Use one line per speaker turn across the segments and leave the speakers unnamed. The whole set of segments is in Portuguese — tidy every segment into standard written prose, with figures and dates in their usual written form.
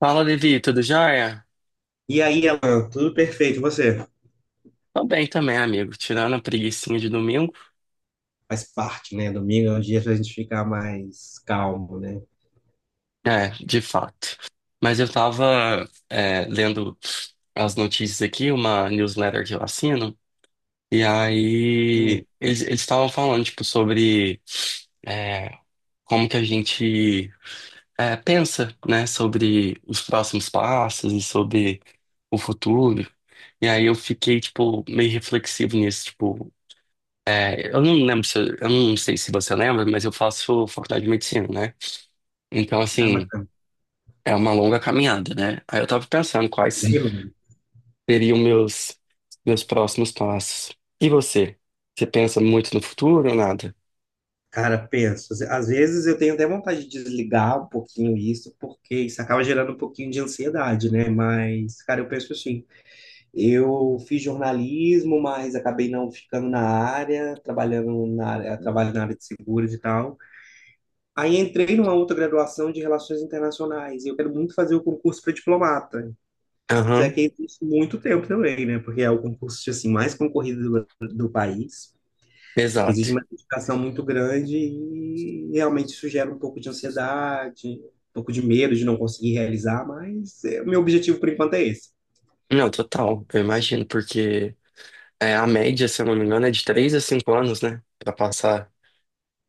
Fala, Levi, tudo jóia?
E aí, Alan, tudo perfeito, e você?
Tô bem também, amigo. Tirando a preguicinha de domingo.
Faz parte, né? Domingo é o dia pra gente ficar mais calmo, né?
É, de fato. Mas eu tava, lendo as notícias aqui, uma newsletter que eu assino, e aí
Hum,
eles estavam falando, tipo, sobre é, como que a gente pensa, né, sobre os próximos passos e sobre o futuro. E aí eu fiquei, tipo, meio reflexivo nisso, tipo, eu não lembro se, eu não sei se você lembra, mas eu faço faculdade de medicina, né? Então,
ah,
assim,
bacana.
é uma longa caminhada, né? Aí eu tava pensando quais
Eu,
seriam meus, meus próximos passos. E você? Você pensa muito no futuro ou nada?
cara, penso, às vezes eu tenho até vontade de desligar um pouquinho isso, porque isso acaba gerando um pouquinho de ansiedade, né? Mas, cara, eu penso assim, eu fiz jornalismo, mas acabei não ficando na área, trabalhando na área, trabalho na área de seguros e tal. Aí entrei numa outra graduação de relações internacionais e eu quero muito fazer o concurso para diplomata. Isso
Aham,
aqui existe muito tempo também, né? Porque é o concurso tipo assim mais concorrido do país. Exige
exato.
uma dedicação muito grande e realmente isso gera um pouco de ansiedade, um pouco de medo de não conseguir realizar, mas é, o meu objetivo por enquanto é esse.
Não, total, eu imagino, porque a média, se eu não me engano, é de 3 a 5 anos, né? Pra passar.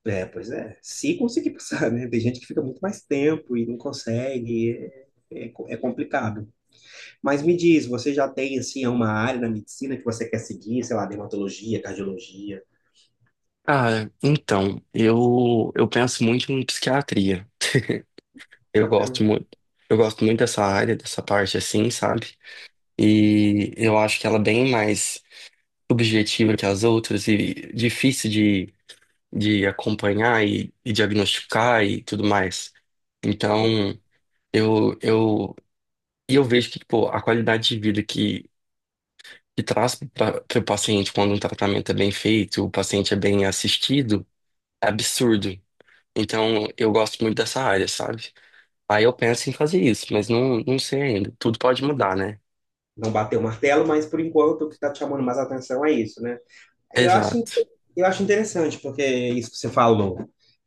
É, pois é, se conseguir passar, né? Tem gente que fica muito mais tempo e não consegue, é, é, é complicado. Mas me diz, você já tem, assim, uma área na medicina que você quer seguir, sei lá, dermatologia, cardiologia?
Ah, então, eu penso muito em psiquiatria. Eu gosto
Bacana.
muito. Eu gosto muito dessa área, dessa parte assim, sabe? E eu acho que ela é bem mais subjetiva que as outras e difícil de acompanhar e diagnosticar e tudo mais. Então, eu, eu, e eu vejo que, pô, a qualidade de vida que traz para o paciente quando um tratamento é bem feito, o paciente é bem assistido, é absurdo. Então, eu gosto muito dessa área, sabe? Aí eu penso em fazer isso, mas não, não sei ainda. Tudo pode mudar, né?
Não bater o martelo, mas por enquanto o que está te chamando mais atenção é isso, né? Eu acho,
Exato.
eu acho interessante, porque isso que você falou.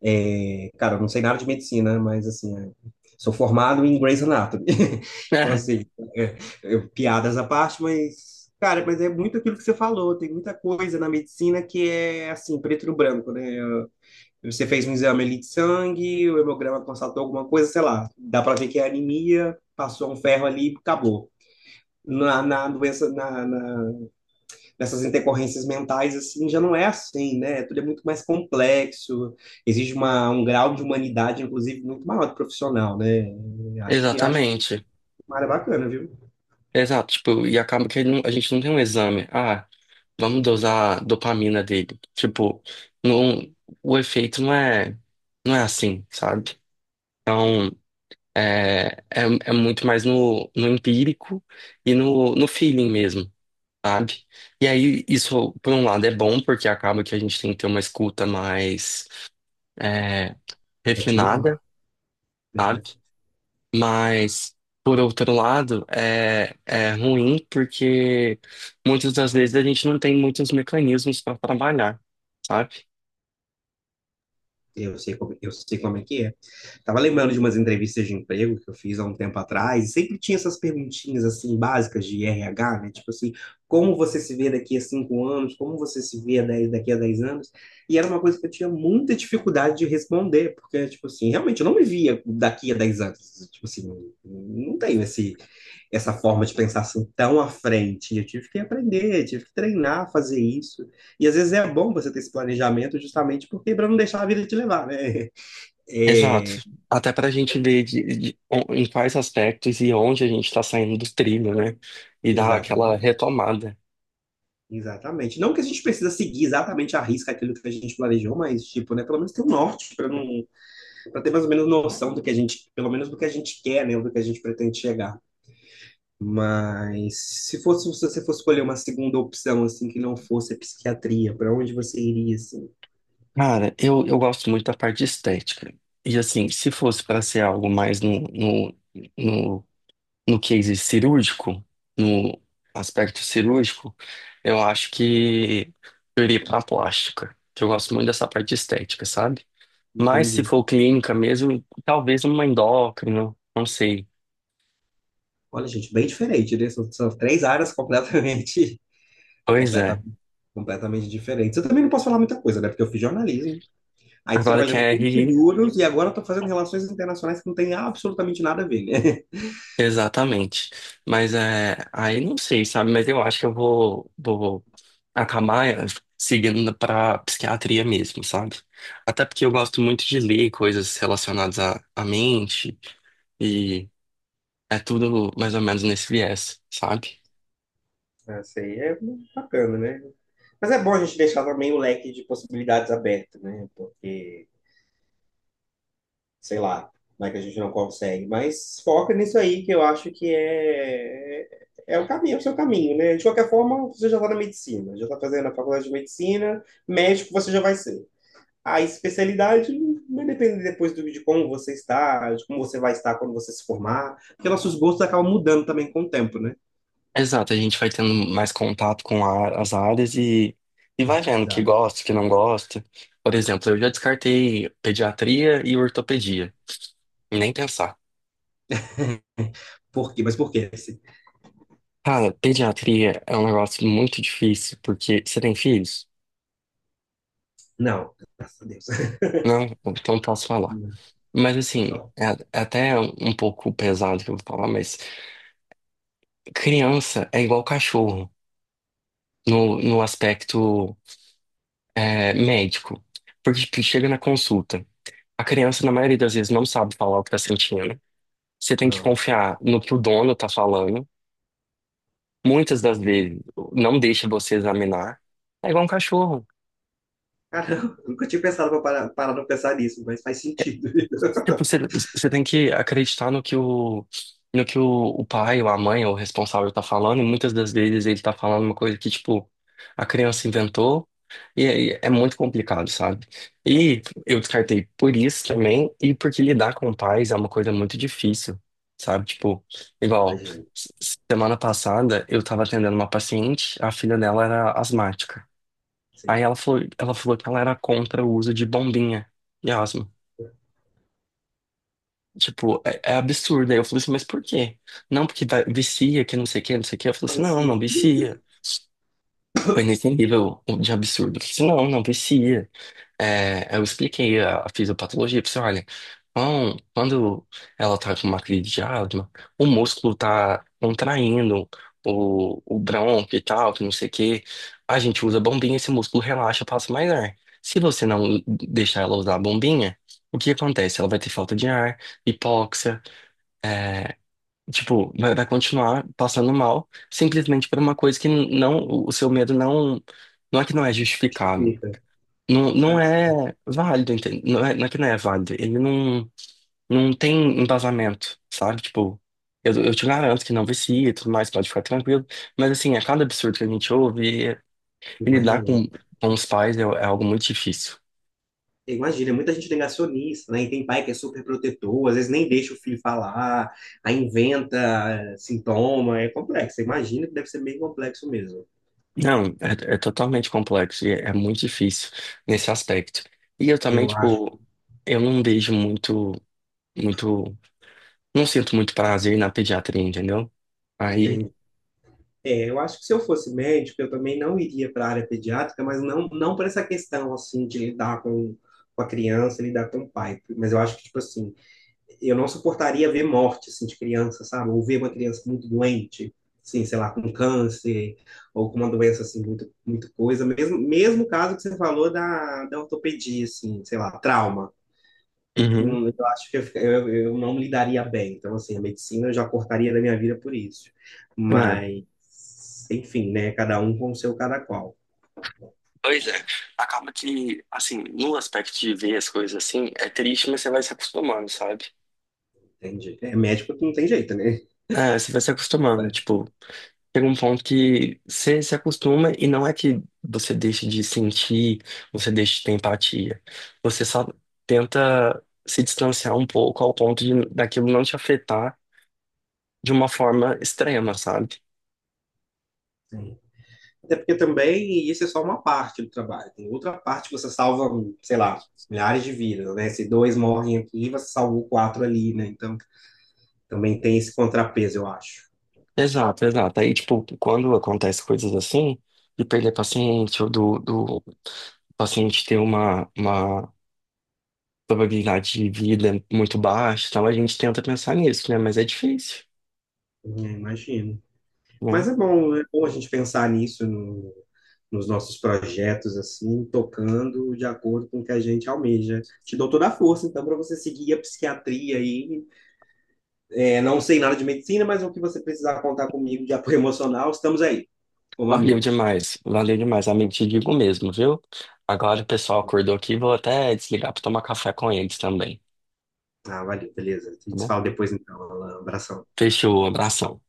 É, cara, eu não sei nada de medicina, mas assim, é, sou formado em Grey's Anatomy. Então,
É,
assim, é, piadas à parte, mas, cara, mas é muito aquilo que você falou. Tem muita coisa na medicina que é assim, preto no branco, né? Você fez um exame ali de sangue, o hemograma constatou alguma coisa, sei lá, dá pra ver que é anemia, passou um ferro ali e acabou na doença, na nessas intercorrências mentais, assim, já não é assim, né? Tudo é muito mais complexo, exige um grau de humanidade, inclusive, muito maior do profissional, né? Acho
exatamente.
uma área bacana, viu?
Exato. Tipo, e acaba que ele não- a gente não tem um exame. Ah, vamos dosar a dopamina dele. Tipo, não, o efeito não é, não é assim, sabe? Então, é muito mais no, no empírico e no, no feeling mesmo, sabe? E aí, isso, por um lado, é bom, porque acaba que a gente tem que ter uma escuta mais, é,
Ativa, né?
refinada. Sabe?
Verdade.
Mas, por outro lado, é ruim porque muitas das vezes a gente não tem muitos mecanismos para trabalhar, sabe?
Eu sei como é que é. Tava lembrando de umas entrevistas de emprego que eu fiz há um tempo atrás, e sempre tinha essas perguntinhas assim básicas de RH, né? Tipo assim, como você se vê daqui a 5 anos, como você se vê daqui a 10 anos? E era uma coisa que eu tinha muita dificuldade de responder, porque, tipo assim, realmente eu não me via daqui a 10 anos. Tipo assim, não tenho esse, essa forma de pensar assim tão à frente. E eu tive que aprender, tive que treinar a fazer isso. E às vezes é bom você ter esse planejamento justamente porque para não deixar a vida te levar, né?
Exato. Até para a gente ver em quais aspectos e onde a gente está saindo do trilho, né? E dar aquela
Exatamente.
retomada.
Exatamente. Não que a gente precisa seguir exatamente à risca aquilo que a gente planejou, mas tipo, né, pelo menos ter um norte para não, para ter mais ou menos noção do que a gente, pelo menos do que a gente quer, né, ou do que a gente pretende chegar. Mas se você fosse escolher uma segunda opção assim que não fosse a psiquiatria, para onde você iria assim?
Cara, eu gosto muito da parte de estética. E assim, se fosse para ser algo mais no no case cirúrgico, no aspecto cirúrgico, eu acho que eu iria para plástica, que eu gosto muito dessa parte de estética, sabe? Mas se
Entendi.
for clínica mesmo, talvez uma endócrina, não sei.
Olha, gente, bem diferente, né? São três áreas completamente
Pois
Completa,
é.
completamente diferentes. Eu também não posso falar muita coisa, né? Porque eu fiz jornalismo, aí tô
Agora que
trabalhando
é
com seguros e agora eu tô fazendo relações internacionais que não tem absolutamente nada a ver, né?
exatamente. Mas é, aí não sei, sabe? Mas eu acho que vou acabar seguindo pra psiquiatria mesmo, sabe? Até porque eu gosto muito de ler coisas relacionadas à mente e é tudo mais ou menos nesse viés, sabe?
Ah, isso aí é bacana, né? Mas é bom a gente deixar também o leque de possibilidades aberto, né? Porque, sei lá, não é que a gente não consegue. Mas foca nisso aí, que eu acho que é é o caminho, é o seu caminho, né? De qualquer forma, você já está na medicina, já está fazendo a faculdade de medicina, médico você já vai ser. A especialidade vai depender depois do, de como você está, de como você vai estar quando você se formar, porque nossos gostos acabam mudando também com o tempo, né?
Exato, a gente vai tendo mais contato com as áreas e vai vendo o que
Exato.
gosta, o que não gosta. Por exemplo, eu já descartei pediatria e ortopedia. Nem pensar.
Por quê? Mas por quê?
Cara, pediatria é um negócio muito difícil, porque você tem filhos?
Não, graças a Deus.
Não? Então posso falar.
Não,
Mas
pode
assim,
falar?
é até um pouco pesado que eu vou falar, mas criança é igual cachorro no, no aspecto médico. Porque tipo, chega na consulta, a criança, na maioria das vezes, não sabe falar o que tá sentindo. Você tem que
Não.
confiar no que o dono tá falando. Muitas das vezes, não deixa você examinar. É igual um cachorro.
Caramba, nunca tinha pensado para parar pra pensar nisso, mas faz sentido.
Tipo, você, você tem que acreditar no que o, no que o pai, ou a mãe, ou o responsável tá falando, e muitas das vezes ele tá falando uma coisa que, tipo, a criança inventou, e aí é muito complicado, sabe? E eu descartei por isso também, e porque lidar com pais é uma coisa muito difícil, sabe? Tipo, igual,
Imagina,
s- semana passada eu tava atendendo uma paciente, a filha dela era asmática. Aí
sim.
ela falou que ela era contra o uso de bombinha de asma. Tipo, é absurdo. Aí eu falei assim, mas por quê? Não, porque vai, vicia, que não sei o que, não sei o que. Eu falei assim, não,
Parecia
não
se
vicia. Foi nesse nível de absurdo. Eu falei assim, não, não vicia. É, eu expliquei a fisiopatologia, eu falei assim, olha, então, quando ela tá com uma crise de asma, o músculo tá contraindo o brônquio e tal, que não sei o que. A gente usa bombinha, esse músculo relaxa, passa mais ar. Se você não deixar ela usar a bombinha, o que acontece? Ela vai ter falta de ar, hipóxia, é, tipo, vai, vai continuar passando mal, simplesmente por uma coisa que não, o seu medo não, não é que não é justificável.
justifica.
Não, não
Cara,
é válido, entende? Não é, não é que não é válido. Ele não, não tem embasamento, sabe? Tipo, eu te garanto que não vicia e tudo mais, pode ficar tranquilo. Mas assim, a cada absurdo que a gente ouve, e lidar
imagina.
com os pais é algo muito difícil.
Imagina, muita gente negacionista, né? E tem pai que é super protetor, às vezes nem deixa o filho falar, aí inventa sintoma, é complexo. Imagina que deve ser bem complexo mesmo.
Não, é totalmente complexo e é muito difícil nesse aspecto. E eu também,
Eu acho,
tipo, eu não vejo muito. Muito. Não sinto muito prazer na pediatria, entendeu? Aí.
entende? É, eu acho que se eu fosse médico, eu também não iria para a área pediátrica, mas não para essa questão, assim, de lidar com a criança, lidar com o pai. Mas eu acho que, tipo assim, eu não suportaria ver morte assim, de criança, sabe? Ou ver uma criança muito doente, assim, sei lá, com câncer, ou com uma doença assim, muito, muito coisa. Mesmo caso que você falou da ortopedia, assim, sei lá, trauma.
Uhum.
Eu acho que eu não me lidaria bem. Então, assim, a medicina eu já cortaria da minha vida por isso.
É.
Mas, enfim, né? Cada um com o seu cada qual.
Pois é. Acaba que, assim, no aspecto de ver as coisas assim, é triste, mas você vai se acostumando, sabe?
Entende? É médico que não tem jeito, né?
É, você vai se acostumando. Tipo, chega um ponto que você se acostuma e não é que você deixe de sentir, você deixe de ter empatia. Você só tenta se distanciar um pouco ao ponto de daquilo não te afetar de uma forma extrema, sabe?
Sim. Até porque também isso é só uma parte do trabalho. Tem outra parte que você salva, sei lá, milhares de vidas, né? Se dois morrem aqui, você salvou quatro ali, né? Então também tem esse contrapeso, eu acho.
Exato, exato. Aí, tipo, quando acontece coisas assim, de perder paciente, ou do paciente ter uma probabilidade de vida muito baixa, e tal, a gente tenta pensar nisso, né? Mas é difícil,
É, imagino.
né?
Mas é bom a gente pensar nisso nos nossos projetos, assim, tocando de acordo com o que a gente almeja. Te dou toda a força, então, para você seguir a psiquiatria aí. É, não sei nada de medicina, mas o que você precisar contar comigo de apoio emocional, estamos aí, como
Valeu
amigos.
demais, valeu demais. Amigo, te digo mesmo, viu? Agora o pessoal acordou aqui, vou até desligar pra tomar café com eles também,
Ah, valeu, beleza. A
tá
gente se
bom?
fala depois então, Alan. Abração.
Fechou, abração.